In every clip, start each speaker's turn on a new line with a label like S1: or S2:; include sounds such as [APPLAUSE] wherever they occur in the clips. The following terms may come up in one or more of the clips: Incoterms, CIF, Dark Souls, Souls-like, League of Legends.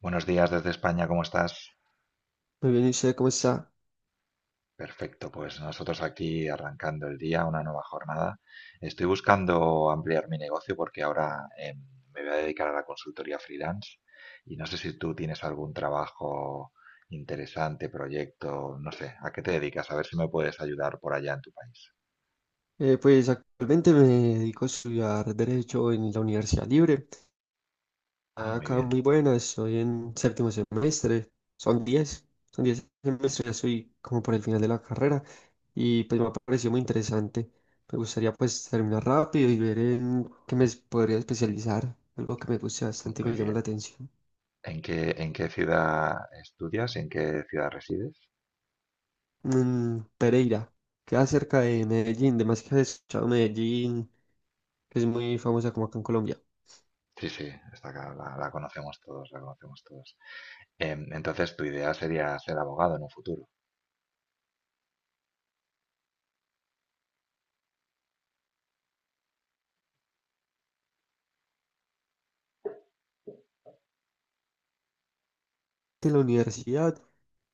S1: Buenos días desde España, ¿cómo estás?
S2: Muy bien, ¿y usted cómo está?
S1: Perfecto, pues nosotros aquí arrancando el día, una nueva jornada. Estoy buscando ampliar mi negocio porque ahora me voy a dedicar a la consultoría freelance y no sé si tú tienes algún trabajo interesante, proyecto, no sé, ¿a qué te dedicas? A ver si me puedes ayudar por allá en tu país.
S2: Pues actualmente me dedico a estudiar Derecho en la Universidad Libre.
S1: Ah,
S2: Está
S1: muy
S2: acá
S1: bien,
S2: muy buena, estoy en séptimo semestre, son 10 son 10 semestres, ya estoy como por el final de la carrera y pues me ha parecido muy interesante. Me gustaría pues terminar rápido y ver en qué me podría especializar, algo que me guste bastante y
S1: muy
S2: me llama la
S1: bien.
S2: atención.
S1: En qué ciudad estudias? ¿En qué ciudad resides?
S2: Pereira, queda cerca de Medellín, además que has escuchado Medellín, que es muy famosa como acá en Colombia.
S1: Sí, sí, esta acá la conocemos todos, la conocemos todos. Entonces tu idea sería ser abogado en un futuro.
S2: De la universidad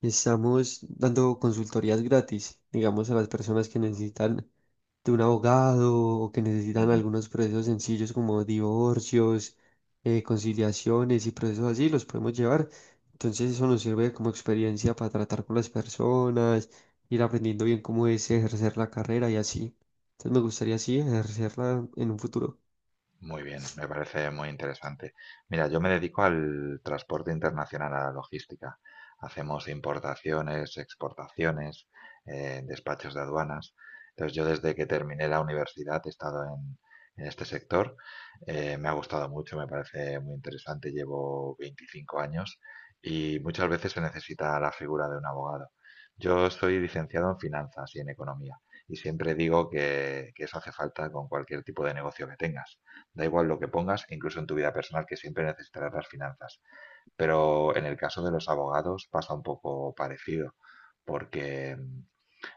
S2: estamos dando consultorías gratis, digamos, a las personas que necesitan de un abogado o que necesitan algunos procesos sencillos como divorcios, conciliaciones y procesos así, los podemos llevar. Entonces eso nos sirve como experiencia para tratar con las personas, ir aprendiendo bien cómo es ejercer la carrera y así. Entonces me gustaría así ejercerla en un futuro.
S1: Muy bien, me parece muy interesante. Mira, yo me dedico al transporte internacional, a la logística. Hacemos importaciones, exportaciones, despachos de aduanas. Entonces, yo desde que terminé la universidad he estado en este sector. Me ha gustado mucho, me parece muy interesante. Llevo 25 años y muchas veces se necesita la figura de un abogado. Yo soy licenciado en finanzas y en economía y siempre digo que eso hace falta con cualquier tipo de negocio que tengas. Da igual lo que pongas, incluso en tu vida personal, que siempre necesitarás las finanzas. Pero en el caso de los abogados pasa un poco parecido, porque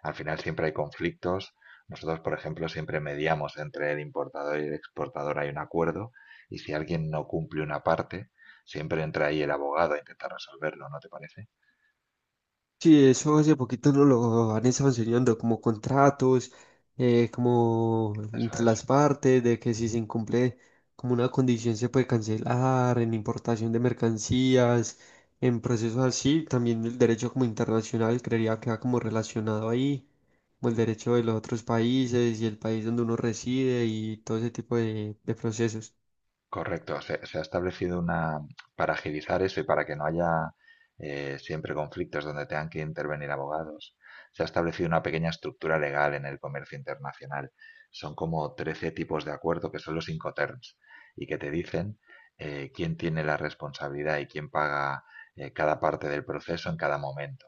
S1: al final siempre hay conflictos. Nosotros, por ejemplo, siempre mediamos entre el importador y el exportador, hay un acuerdo, y si alguien no cumple una parte, siempre entra ahí el abogado a intentar resolverlo, ¿no te parece?
S2: Sí, eso hace poquito no lo han estado enseñando, como contratos, como
S1: Eso
S2: entre
S1: es
S2: las partes, de que si se incumple como una condición se puede cancelar, en importación de mercancías, en procesos así, también el derecho como internacional creería que va como relacionado ahí, como el derecho de los otros países y el país donde uno reside y todo ese tipo de procesos.
S1: correcto. Se ha establecido una para agilizar eso y para que no haya, siempre, conflictos donde tengan que intervenir abogados. Se ha establecido una pequeña estructura legal en el comercio internacional. Son como 13 tipos de acuerdo que son los Incoterms y que te dicen quién tiene la responsabilidad y quién paga, cada parte del proceso en cada momento.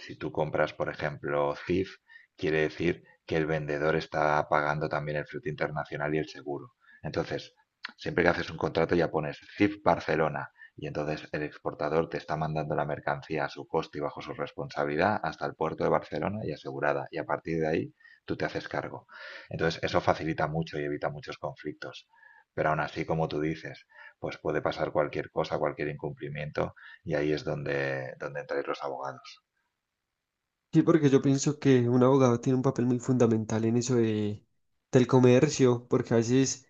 S1: Si tú compras, por ejemplo, CIF, quiere decir que el vendedor está pagando también el fruto internacional y el seguro. Entonces, siempre que haces un contrato ya pones CIF Barcelona y entonces el exportador te está mandando la mercancía a su coste y bajo su responsabilidad hasta el puerto de Barcelona y asegurada. Y a partir de ahí tú te haces cargo. Entonces eso facilita mucho y evita muchos conflictos. Pero aún así, como tú dices, pues puede pasar cualquier cosa, cualquier incumplimiento y ahí es donde entran los abogados.
S2: Sí, porque yo pienso que un abogado tiene un papel muy fundamental en eso de, del comercio, porque a veces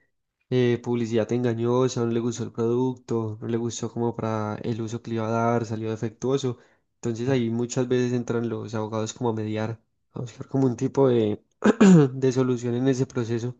S2: publicidad engañosa, no le gustó el producto, no le gustó como para el uso que le iba a dar, salió defectuoso. Entonces ahí muchas veces entran los abogados como a mediar, a buscar como un tipo de, [CLEARS THROAT] de solución en ese proceso.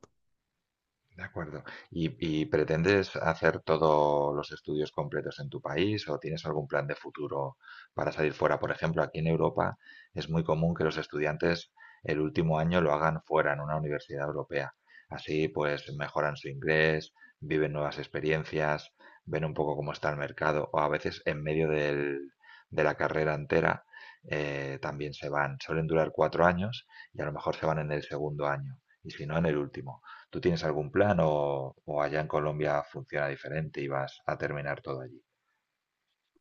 S1: De acuerdo. ¿Y, y pretendes hacer todos los estudios completos en tu país o tienes algún plan de futuro para salir fuera? Por ejemplo, aquí en Europa es muy común que los estudiantes el último año lo hagan fuera, en una universidad europea. Así pues mejoran su inglés, viven nuevas experiencias, ven un poco cómo está el mercado o a veces en medio de la carrera entera, también se van. Suelen durar 4 años y a lo mejor se van en el segundo año y si no en el último. ¿Tú tienes algún plan o allá en Colombia funciona diferente y vas a terminar todo allí?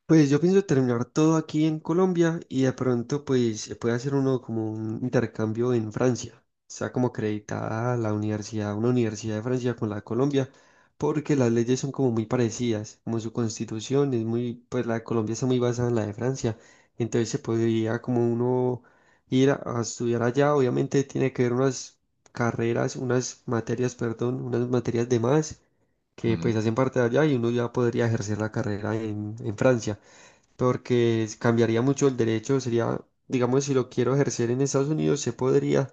S2: Pues yo pienso terminar todo aquí en Colombia y de pronto pues se puede hacer uno como un intercambio en Francia. Está como acreditada la universidad, una universidad de Francia con la de Colombia, porque las leyes son como muy parecidas, como su constitución es muy, pues la de Colombia está muy basada en la de Francia. Entonces se podría como uno ir a estudiar allá. Obviamente tiene que ver unas carreras, unas materias, perdón, unas materias de más que
S1: Ujú,
S2: pues hacen parte de allá y uno ya podría ejercer la carrera en Francia porque cambiaría mucho el derecho, sería, digamos, si lo quiero ejercer en Estados Unidos, se podría,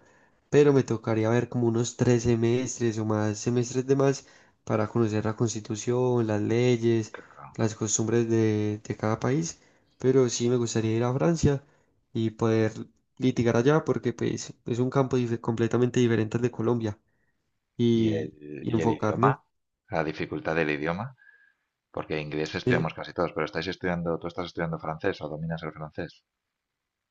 S2: pero me tocaría ver como unos 3 semestres o más semestres de más para conocer la constitución, las leyes,
S1: claro.
S2: las costumbres de cada país, pero sí me gustaría ir a Francia y poder litigar allá porque pues, es un campo completamente diferente al de Colombia y, y
S1: Y el
S2: enfocarme.
S1: idioma? ¿La dificultad del idioma? Porque inglés
S2: eh,
S1: estudiamos casi todos, pero estáis estudiando, ¿tú estás estudiando francés o dominas el francés?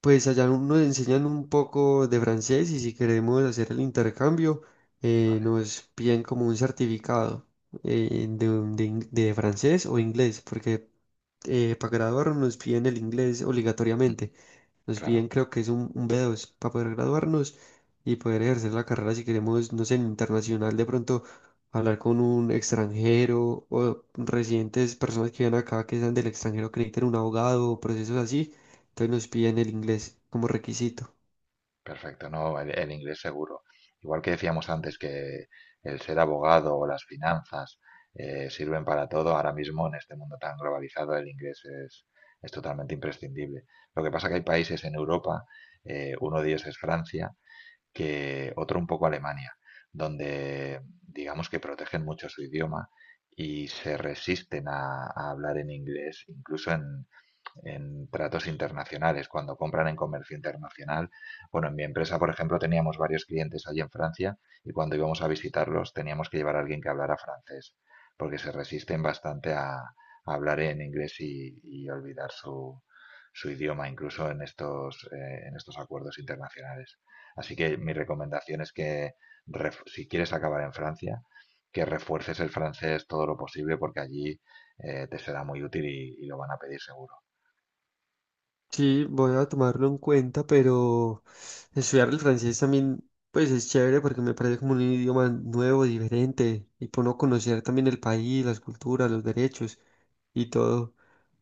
S2: Pues allá nos enseñan un poco de francés y si queremos hacer el intercambio,
S1: Vale,
S2: nos piden como un certificado de francés o inglés, porque para graduarnos nos piden el inglés
S1: ujú,
S2: obligatoriamente. Nos
S1: claro.
S2: piden creo que es un B2 para poder graduarnos y poder ejercer la carrera si queremos, no sé, en internacional de pronto hablar con un extranjero o residentes, personas que vienen acá que sean del extranjero que necesiten un abogado o procesos así. Entonces nos piden el inglés como requisito.
S1: Perfecto, no, el inglés seguro. Igual que decíamos antes que el ser abogado o las finanzas, sirven para todo, ahora mismo en este mundo tan globalizado el inglés es totalmente imprescindible. Lo que pasa que hay países en Europa, uno de ellos es Francia, que otro un poco Alemania, donde digamos que protegen mucho su idioma y se resisten a hablar en inglés, incluso en tratos internacionales, cuando compran en comercio internacional. Bueno, en mi empresa, por ejemplo, teníamos varios clientes allí en Francia y cuando íbamos a visitarlos teníamos que llevar a alguien que hablara francés, porque se resisten bastante a hablar en inglés y olvidar su, su idioma, incluso en estos acuerdos internacionales. Así que mi recomendación es que, si quieres acabar en Francia, que refuerces el francés todo lo posible porque allí, te será muy útil y lo van a pedir seguro.
S2: Sí, voy a tomarlo en cuenta, pero estudiar el francés también, pues es chévere porque me parece como un idioma nuevo, diferente, y por no conocer también el país, las culturas, los derechos y todo.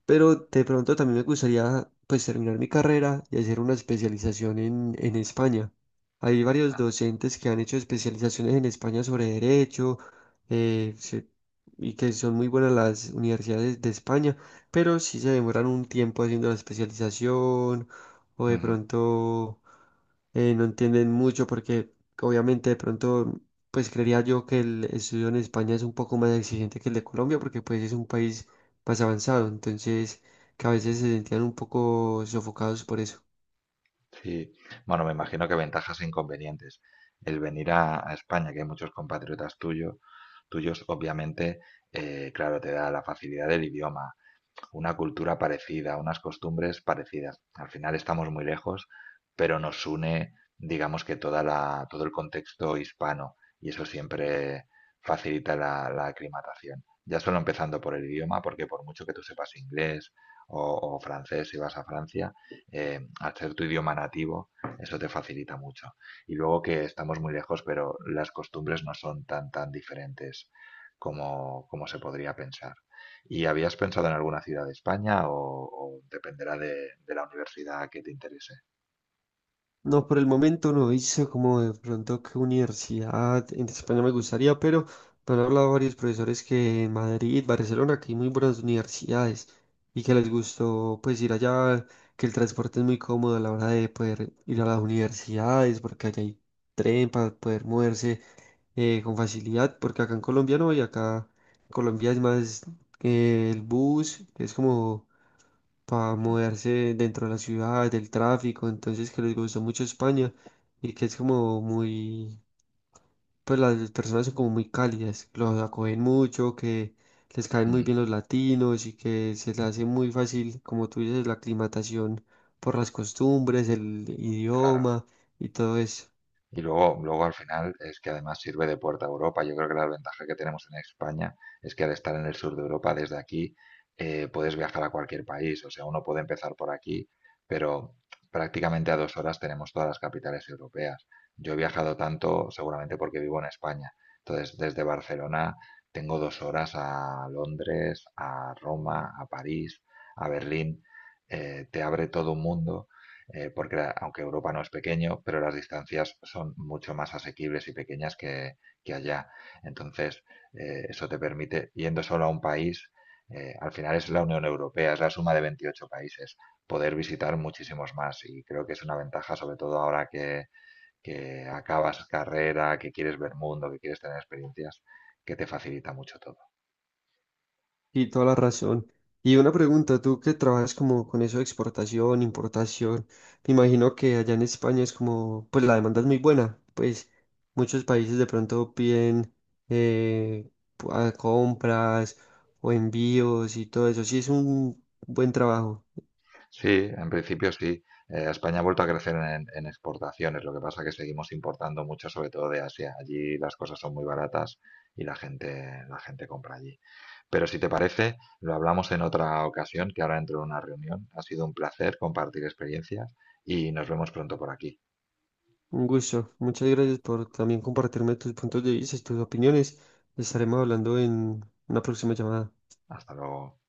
S2: Pero de pronto también me gustaría pues terminar mi carrera y hacer una especialización en España. Hay varios docentes que han hecho especializaciones en España sobre derecho eh, se- y que son muy buenas las universidades de España, pero sí se demoran un tiempo haciendo la especialización o de
S1: Ujú,
S2: pronto no entienden mucho porque obviamente de pronto pues creería yo que el estudio en España es un poco más exigente que el de Colombia porque pues es un país más avanzado, entonces que a veces se sentían un poco sofocados por eso.
S1: sí, bueno, me imagino que ventajas e inconvenientes. El venir a España, que hay muchos compatriotas tuyos, tuyos, obviamente, claro, te da la facilidad del idioma, una cultura parecida, unas costumbres parecidas. Al final estamos muy lejos, pero nos une, digamos que toda la, todo el contexto hispano y eso siempre facilita la, la aclimatación. Ya solo empezando por el idioma, porque por mucho que tú sepas inglés o francés si vas a Francia, al ser tu idioma nativo, eso te facilita mucho. Y luego que estamos muy lejos, pero las costumbres no son tan, tan diferentes como, como se podría pensar. ¿Y habías pensado en alguna ciudad de España o dependerá de la universidad que te interese?
S2: No, por el momento no hice como de pronto qué universidad en España me gustaría, pero me han hablado varios profesores que en Madrid, Barcelona, que hay muy buenas universidades y que les gustó pues ir allá, que el transporte es muy cómodo a la hora de poder ir a las universidades, porque allá hay tren para poder moverse con facilidad, porque acá en Colombia no, y acá en Colombia es más el bus, que es como para moverse dentro de la ciudad, del tráfico, entonces que les gustó mucho España y que es como muy, pues las personas son como muy cálidas, los acogen mucho, que les caen muy
S1: Mm.
S2: bien los latinos y que se les hace muy fácil, como tú dices, la aclimatación por las costumbres, el
S1: Claro.
S2: idioma y todo eso.
S1: Y luego, luego al final es que además sirve de puerta a Europa. Yo creo que la ventaja que tenemos en España es que al estar en el sur de Europa, desde aquí, puedes viajar a cualquier país. O sea, uno puede empezar por aquí, pero prácticamente a dos horas tenemos todas las capitales europeas. Yo he viajado tanto seguramente porque vivo en España. Entonces, desde Barcelona tengo dos horas a Londres, a Roma, a París, a Berlín. Te abre todo un mundo, porque aunque Europa no es pequeño, pero las distancias son mucho más asequibles y pequeñas que allá. Entonces, eso te permite, yendo solo a un país, al final es la Unión Europea, es la suma de 28 países, poder visitar muchísimos más. Y creo que es una ventaja, sobre todo ahora que acabas carrera, que quieres ver mundo, que quieres tener experiencias, que te facilita mucho todo.
S2: Y toda la razón. Y una pregunta, tú que trabajas como con eso de exportación, importación, me imagino que allá en España es como, pues la demanda es muy buena, pues muchos países de pronto piden eh, a compras o envíos y todo eso. Sí, es un buen trabajo,
S1: Sí, en principio sí. España ha vuelto a crecer en exportaciones, lo que pasa que seguimos importando mucho, sobre todo de Asia. Allí las cosas son muy baratas y la gente compra allí. Pero si te parece, lo hablamos en otra ocasión, que ahora entro en una reunión. Ha sido un placer compartir experiencias y nos vemos pronto por aquí.
S2: un gusto. Muchas gracias por también compartirme tus puntos de vista, tus opiniones. Estaremos hablando en una próxima llamada.
S1: Hasta luego.